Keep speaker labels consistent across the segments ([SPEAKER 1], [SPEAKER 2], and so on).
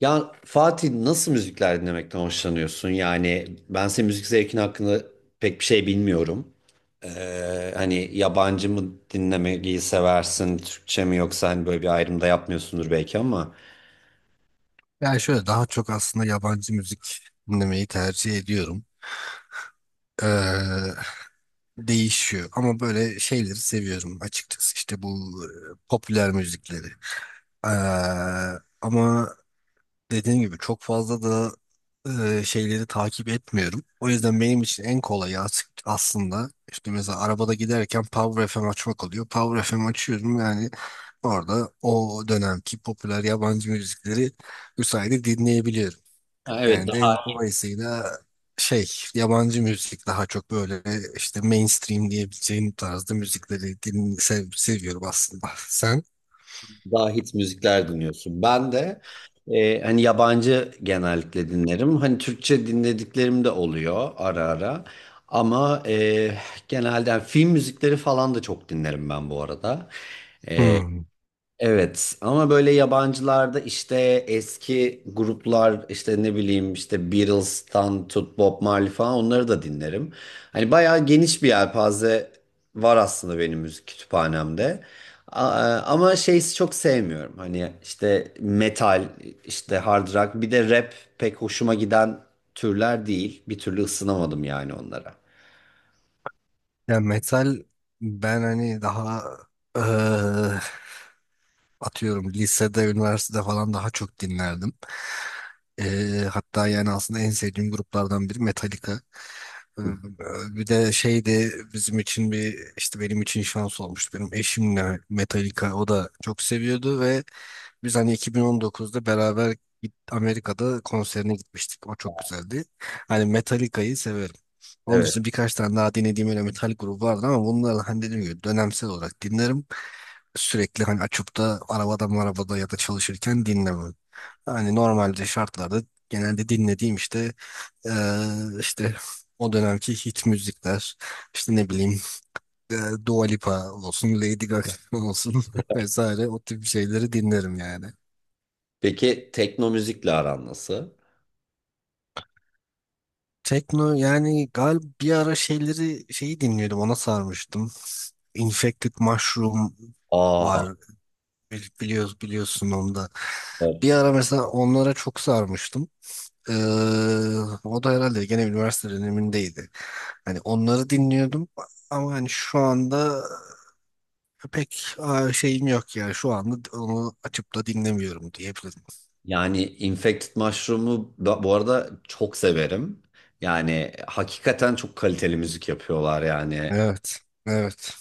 [SPEAKER 1] Ya Fatih nasıl müzikler dinlemekten hoşlanıyorsun? Yani ben senin müzik zevkin hakkında pek bir şey bilmiyorum. Hani yabancı mı dinlemeyi seversin, Türkçe mi, yoksa hani böyle bir ayrım da yapmıyorsundur belki ama.
[SPEAKER 2] Yani şöyle daha çok aslında yabancı müzik dinlemeyi tercih ediyorum. Ee, değişiyor ama böyle şeyleri seviyorum açıkçası işte bu popüler müzikleri. Ee, ama dediğim gibi çok fazla da şeyleri takip etmiyorum. O yüzden benim için en kolayı aslında işte mesela arabada giderken Power FM açmak oluyor. Power FM açıyorum yani orada o dönemki popüler yabancı müzikleri bu sayede dinleyebiliyorum.
[SPEAKER 1] Ha, evet,
[SPEAKER 2] Yani de
[SPEAKER 1] daha
[SPEAKER 2] dolayısıyla şey yabancı müzik daha çok böyle işte mainstream diyebileceğim tarzda müzikleri seviyorum aslında. Sen?
[SPEAKER 1] hit müzikler dinliyorsun. Ben de hani yabancı genellikle dinlerim. Hani Türkçe dinlediklerim de oluyor ara ara. Ama genelde yani film müzikleri falan da çok dinlerim ben bu arada.
[SPEAKER 2] Hmm.
[SPEAKER 1] Evet, ama böyle yabancılarda işte eski gruplar, işte ne bileyim, işte Beatles'tan tut Bob Marley falan, onları da dinlerim. Hani bayağı geniş bir yelpaze var aslında benim müzik kütüphanemde. A- Ama şeyi çok sevmiyorum. Hani işte metal, işte hard rock, bir de rap, pek hoşuma giden türler değil. Bir türlü ısınamadım yani onlara.
[SPEAKER 2] Yani metal ben hani daha eee, atıyorum lisede, üniversitede falan daha çok dinlerdim. Hatta yani aslında en sevdiğim gruplardan biri Metallica. Ee, Bir de şeydi bizim için bir işte benim için şans olmuştu. Benim eşimle Metallica o da çok seviyordu ve biz hani 2019'da beraber Amerika'da konserine gitmiştik. O çok güzeldi. Hani Metallica'yı severim. Onun
[SPEAKER 1] Evet.
[SPEAKER 2] dışında birkaç tane daha dinlediğim öyle metal grubu vardı ama bunları hani dediğim gibi dönemsel olarak dinlerim. Sürekli hani açıp da arabada marabada ya da çalışırken dinlemem. Hani normalde şartlarda genelde dinlediğim işte işte o dönemki hit müzikler işte ne bileyim e, Dua Lipa olsun Lady Gaga olsun vesaire o tip şeyleri dinlerim yani.
[SPEAKER 1] Peki tekno müzikle aran nasıl?
[SPEAKER 2] Tekno yani galiba bir ara şeyleri şeyi dinliyordum ona sarmıştım. Infected Mushroom
[SPEAKER 1] Aa,
[SPEAKER 2] var, Bil- biliyoruz biliyorsun onu da. Bir ara mesela onlara çok sarmıştım. Ee, o da herhalde gene üniversite dönemindeydi. Hani onları dinliyordum ama hani şu anda pek şeyim yok yani şu anda onu açıp da dinlemiyorum diyebilirim.
[SPEAKER 1] yani infected mushroom'u bu arada çok severim. Yani hakikaten çok kaliteli müzik yapıyorlar yani.
[SPEAKER 2] Evet, evet,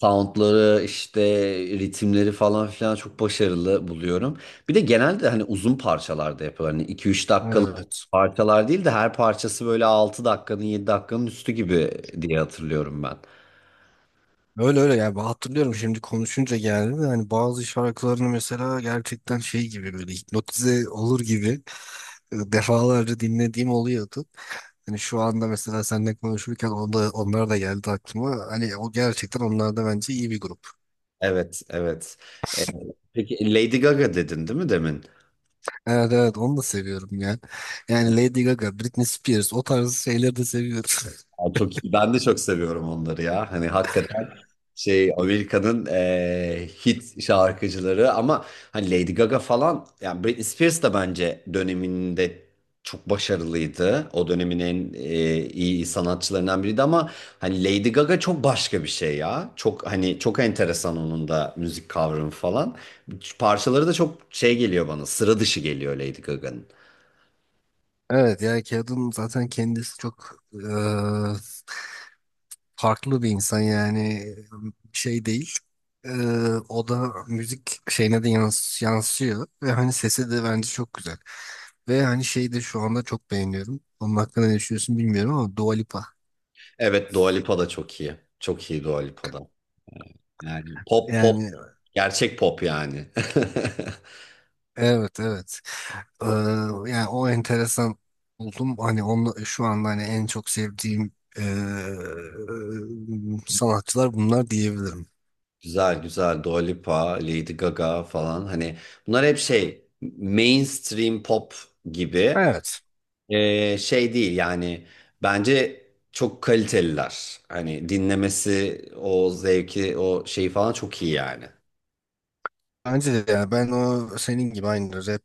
[SPEAKER 1] Soundları işte, ritimleri falan filan çok başarılı buluyorum. Bir de genelde hani uzun parçalarda yapıyorlar. Hani 2-3 dakikalık
[SPEAKER 2] evet.
[SPEAKER 1] parçalar değil de, her parçası böyle 6 dakikanın, 7 dakikanın üstü gibi diye hatırlıyorum ben.
[SPEAKER 2] Öyle öyle yani ben hatırlıyorum şimdi konuşunca geldi de hani bazı şarkılarını mesela gerçekten şey gibi böyle hipnotize olur gibi defalarca dinlediğim oluyordu. Hani şu anda mesela seninle konuşurken onlar da geldi aklıma. Hani o gerçekten onlar da bence iyi bir grup.
[SPEAKER 1] Evet, evet. Peki Lady Gaga dedin değil mi demin?
[SPEAKER 2] Evet evet onu da seviyorum ya. Yani Lady Gaga, Britney Spears o tarz şeyleri de seviyorum.
[SPEAKER 1] Aa, çok iyi. Ben de çok seviyorum onları ya. Hani hakikaten şey, Amerika'nın hit şarkıcıları, ama hani Lady Gaga falan, yani Britney Spears da bence döneminde çok başarılıydı. O dönemin en iyi sanatçılarından biriydi, ama hani Lady Gaga çok başka bir şey ya. Çok hani, çok enteresan onun da müzik kavramı falan. Parçaları da çok şey geliyor bana. Sıra dışı geliyor Lady Gaga'nın.
[SPEAKER 2] Evet ya kadın zaten kendisi çok farklı bir insan yani şey değil. Eee, o da müzik şeyine de yansıyor ve hani sesi de bence çok güzel. Ve hani şeyi de şu anda çok beğeniyorum. Onun hakkında ne düşünüyorsun bilmiyorum ama Dua Lipa.
[SPEAKER 1] Evet, Dua Lipa da çok iyi. Çok iyi Dua Lipa da. Yani pop pop.
[SPEAKER 2] Yani
[SPEAKER 1] Gerçek pop yani.
[SPEAKER 2] evet evet. Eee, yani o enteresan buldum. Hani onu şu anda hani en çok sevdiğim eee, sanatçılar bunlar diyebilirim.
[SPEAKER 1] Güzel güzel, Dua Lipa, Lady Gaga falan, hani bunlar hep şey, mainstream pop gibi.
[SPEAKER 2] Evet.
[SPEAKER 1] Şey değil yani, bence çok kaliteliler. Hani dinlemesi, o zevki, o şeyi falan çok iyi yani.
[SPEAKER 2] Bence de ya ben o senin gibi aynı rap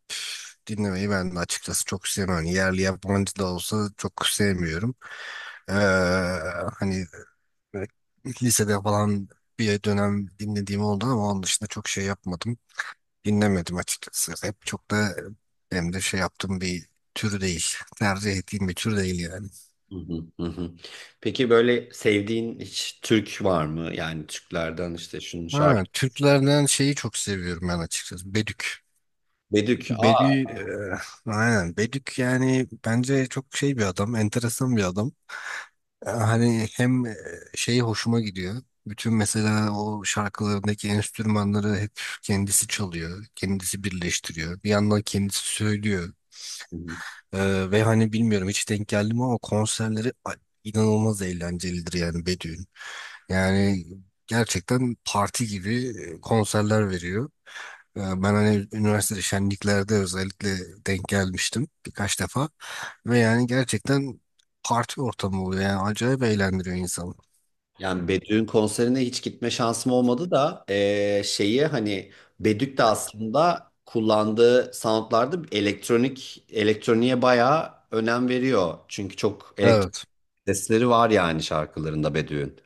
[SPEAKER 2] dinlemeyi ben de açıkçası çok sevmem. Hani yerli yabancı da olsa çok sevmiyorum. Ee, hani böyle lisede falan bir dönem dinlediğim oldu ama onun dışında çok şey yapmadım. Dinlemedim açıkçası. Rap çok da hem de şey yaptığım bir tür değil. Tercih ettiğim bir tür değil yani.
[SPEAKER 1] Hı hı, hı hı. Peki böyle sevdiğin hiç Türk var mı? Yani Türklerden işte şunun
[SPEAKER 2] Ha,
[SPEAKER 1] şarkı.
[SPEAKER 2] Türklerden şeyi çok seviyorum ben açıkçası. Bedük.
[SPEAKER 1] Bedük. Aa.
[SPEAKER 2] Bedü, eee, aynen Bedük yani bence çok şey bir adam, enteresan bir adam. Hani hem şeyi hoşuma gidiyor. Bütün mesela o şarkılarındaki enstrümanları hep kendisi çalıyor, kendisi birleştiriyor. Bir yandan kendisi söylüyor. Ve hani bilmiyorum hiç denk geldi mi ama konserleri inanılmaz eğlencelidir yani Bedü'nün. Yani gerçekten parti gibi konserler veriyor. Ben hani üniversitede şenliklerde özellikle denk gelmiştim birkaç defa. Ve yani gerçekten parti ortamı oluyor yani acayip eğlendiriyor insanı.
[SPEAKER 1] Yani Bedü'nün konserine hiç gitme şansım olmadı da şeyi hani, Bedük de aslında kullandığı soundlarda elektroniğe bayağı önem veriyor. Çünkü çok elektronik
[SPEAKER 2] Evet.
[SPEAKER 1] sesleri var yani şarkılarında Bedü'nün.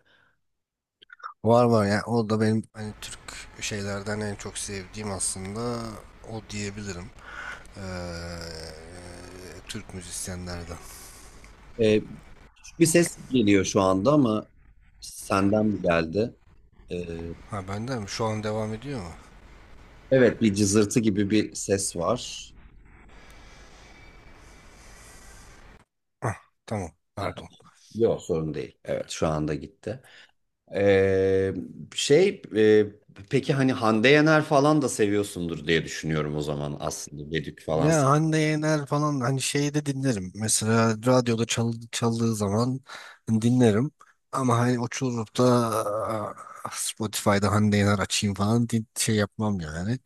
[SPEAKER 2] Var var yani o da benim hani Türk şeylerden en çok sevdiğim aslında o diyebilirim. Ee, Türk müzisyenlerden.
[SPEAKER 1] Eee, Küçük bir ses geliyor şu anda, ama senden mi geldi? Eee,
[SPEAKER 2] Ha, bende mi? Şu an devam ediyor mu?
[SPEAKER 1] evet, bir cızırtı gibi bir ses var.
[SPEAKER 2] Hah, tamam.
[SPEAKER 1] Ha,
[SPEAKER 2] Pardon.
[SPEAKER 1] yok sorun değil. Evet, şu anda gitti. Ee, şey e, peki hani, Hande Yener falan da seviyorsundur diye düşünüyorum o zaman aslında, Bedük falan.
[SPEAKER 2] Ya Hande Yener falan hani şeyi de dinlerim. Mesela radyoda çaldığı zaman dinlerim. Ama hani oturup da aa, Spotify'da Hande Yener açayım falan şey yapmam yani.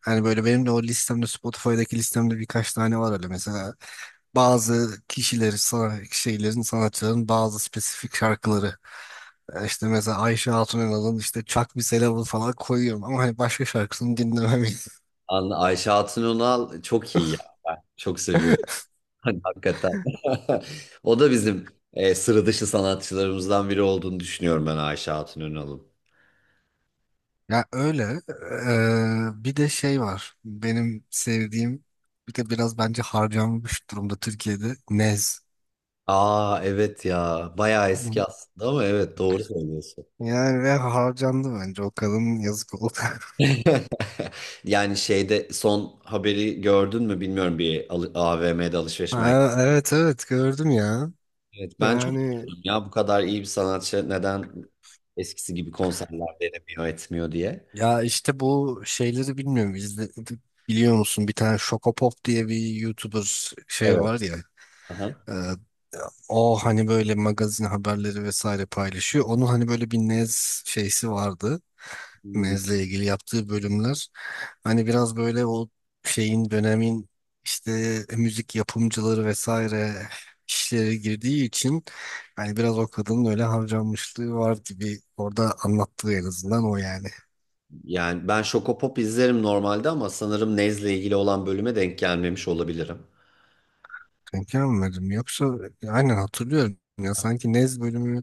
[SPEAKER 2] Hani böyle benim de o listemde Spotify'daki listemde birkaç tane var öyle mesela. Bazı kişileri, şeylerin, sanatçıların bazı spesifik şarkıları. İşte mesela Ayşe Hatun Eral'ın işte Çak Bir Selam'ı falan koyuyorum ama hani başka şarkısını dinlemem.
[SPEAKER 1] Ayşe Hatun Önal çok iyi ya. Ben çok seviyorum. Hani hakikaten. O da bizim sıra dışı sanatçılarımızdan biri olduğunu düşünüyorum ben, Ayşe Hatun Önal'ın.
[SPEAKER 2] Ya öyle. Bir de şey var. Benim sevdiğim bir de biraz bence harcanmış durumda Türkiye'de Nez.
[SPEAKER 1] Aa, evet ya, bayağı eski
[SPEAKER 2] Bu-
[SPEAKER 1] aslında ama evet, doğru söylüyorsun.
[SPEAKER 2] Yani ve harcandı bence o kadın yazık oldu.
[SPEAKER 1] Yani şeyde son haberi gördün mü bilmiyorum, bir AVM'de, alışveriş merkezinde.
[SPEAKER 2] Ha, evet evet gördüm ya.
[SPEAKER 1] Evet, ben çok
[SPEAKER 2] Yani
[SPEAKER 1] üzüldüm ya, bu kadar iyi bir sanatçı neden eskisi gibi konserler veremiyor, etmiyor diye.
[SPEAKER 2] ya işte bu şeyleri bilmiyorum. Biliyor musun? Bir tane Şokopop diye bir YouTuber şey
[SPEAKER 1] Evet.
[SPEAKER 2] var ya.
[SPEAKER 1] Aha.
[SPEAKER 2] e, O hani böyle magazin haberleri vesaire paylaşıyor. Onun hani böyle bir Nez şeysi vardı.
[SPEAKER 1] Hmm,
[SPEAKER 2] Nez'le ilgili yaptığı bölümler. Hani biraz böyle o şeyin dönemin işte müzik yapımcıları vesaire işlere girdiği için hani biraz o kadının öyle harcanmışlığı var gibi orada anlattığı en azından o yani.
[SPEAKER 1] Yani ben Şokopop izlerim normalde, ama sanırım Nez'le ilgili olan bölüme denk gelmemiş olabilirim.
[SPEAKER 2] Denk gelmedim. Yoksa aynen hatırlıyorum. Ya sanki Nez bölümü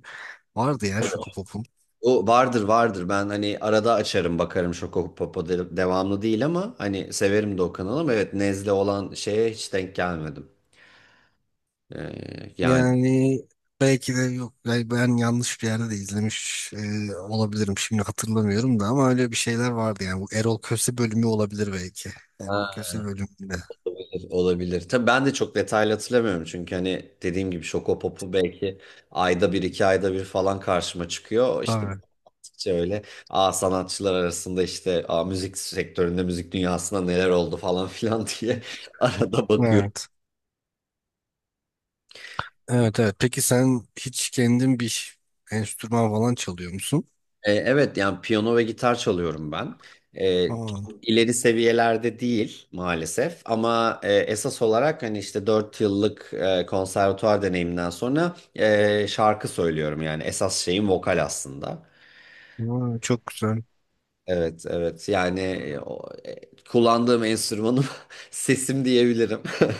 [SPEAKER 2] vardı ya
[SPEAKER 1] Evet.
[SPEAKER 2] Şokopop'un.
[SPEAKER 1] O vardır, vardır, ben hani arada açarım, bakarım Şokopop'a, devamlı değil ama hani severim de o kanalı, ama evet, Nez'le olan şeye hiç denk gelmedim. Yani.
[SPEAKER 2] Yani belki de yok. Yani ben yanlış bir yerde de izlemiş olabilirim. Şimdi hatırlamıyorum da ama öyle bir şeyler vardı yani. Bu Erol Köse bölümü olabilir belki. Erol
[SPEAKER 1] Ha.
[SPEAKER 2] Köse bölümünde.
[SPEAKER 1] Olabilir, olabilir. Tabii ben de çok detaylı hatırlamıyorum, çünkü hani dediğim gibi Şokopop'u belki ayda bir, iki ayda bir falan karşıma çıkıyor. İşte
[SPEAKER 2] Tabii.
[SPEAKER 1] baktıkça öyle, sanatçılar arasında işte, müzik sektöründe, müzik dünyasında neler oldu falan filan diye arada bakıyorum.
[SPEAKER 2] Evet. Evet evet. Peki sen hiç kendin bir enstrüman falan çalıyor musun?
[SPEAKER 1] Evet, yani piyano ve gitar çalıyorum ben. E,
[SPEAKER 2] Aa,
[SPEAKER 1] ileri seviyelerde değil maalesef, ama esas olarak hani işte 4 yıllık konservatuvar deneyiminden sonra şarkı söylüyorum, yani esas şeyim vokal aslında.
[SPEAKER 2] aa, çok güzel.
[SPEAKER 1] Evet, evet, yani kullandığım enstrümanım sesim diyebilirim.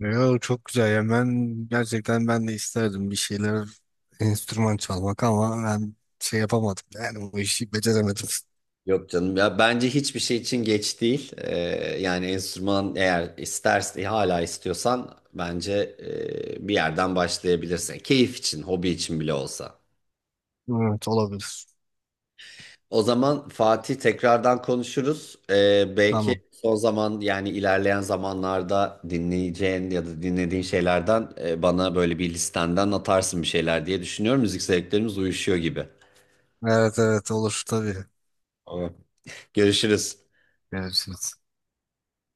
[SPEAKER 2] Ya çok güzel ya ben gerçekten ben de isterdim bir şeyler enstrüman çalmak ama ben şey yapamadım yani bu işi beceremedim.
[SPEAKER 1] Yok canım ya, bence hiçbir şey için geç değil. Yani enstrüman, eğer istersen, hala istiyorsan, bence bir yerden başlayabilirsin. Keyif için, hobi için bile olsa.
[SPEAKER 2] Evet olabilir.
[SPEAKER 1] O zaman Fatih, tekrardan konuşuruz. Belki
[SPEAKER 2] Tamam.
[SPEAKER 1] son zaman, yani ilerleyen zamanlarda dinleyeceğin ya da dinlediğin şeylerden bana böyle bir listenden atarsın bir şeyler diye düşünüyorum. Müzik zevklerimiz uyuşuyor gibi.
[SPEAKER 2] Evet evet olur tabii.
[SPEAKER 1] Tamam. Görüşürüz.
[SPEAKER 2] Görüşürüz.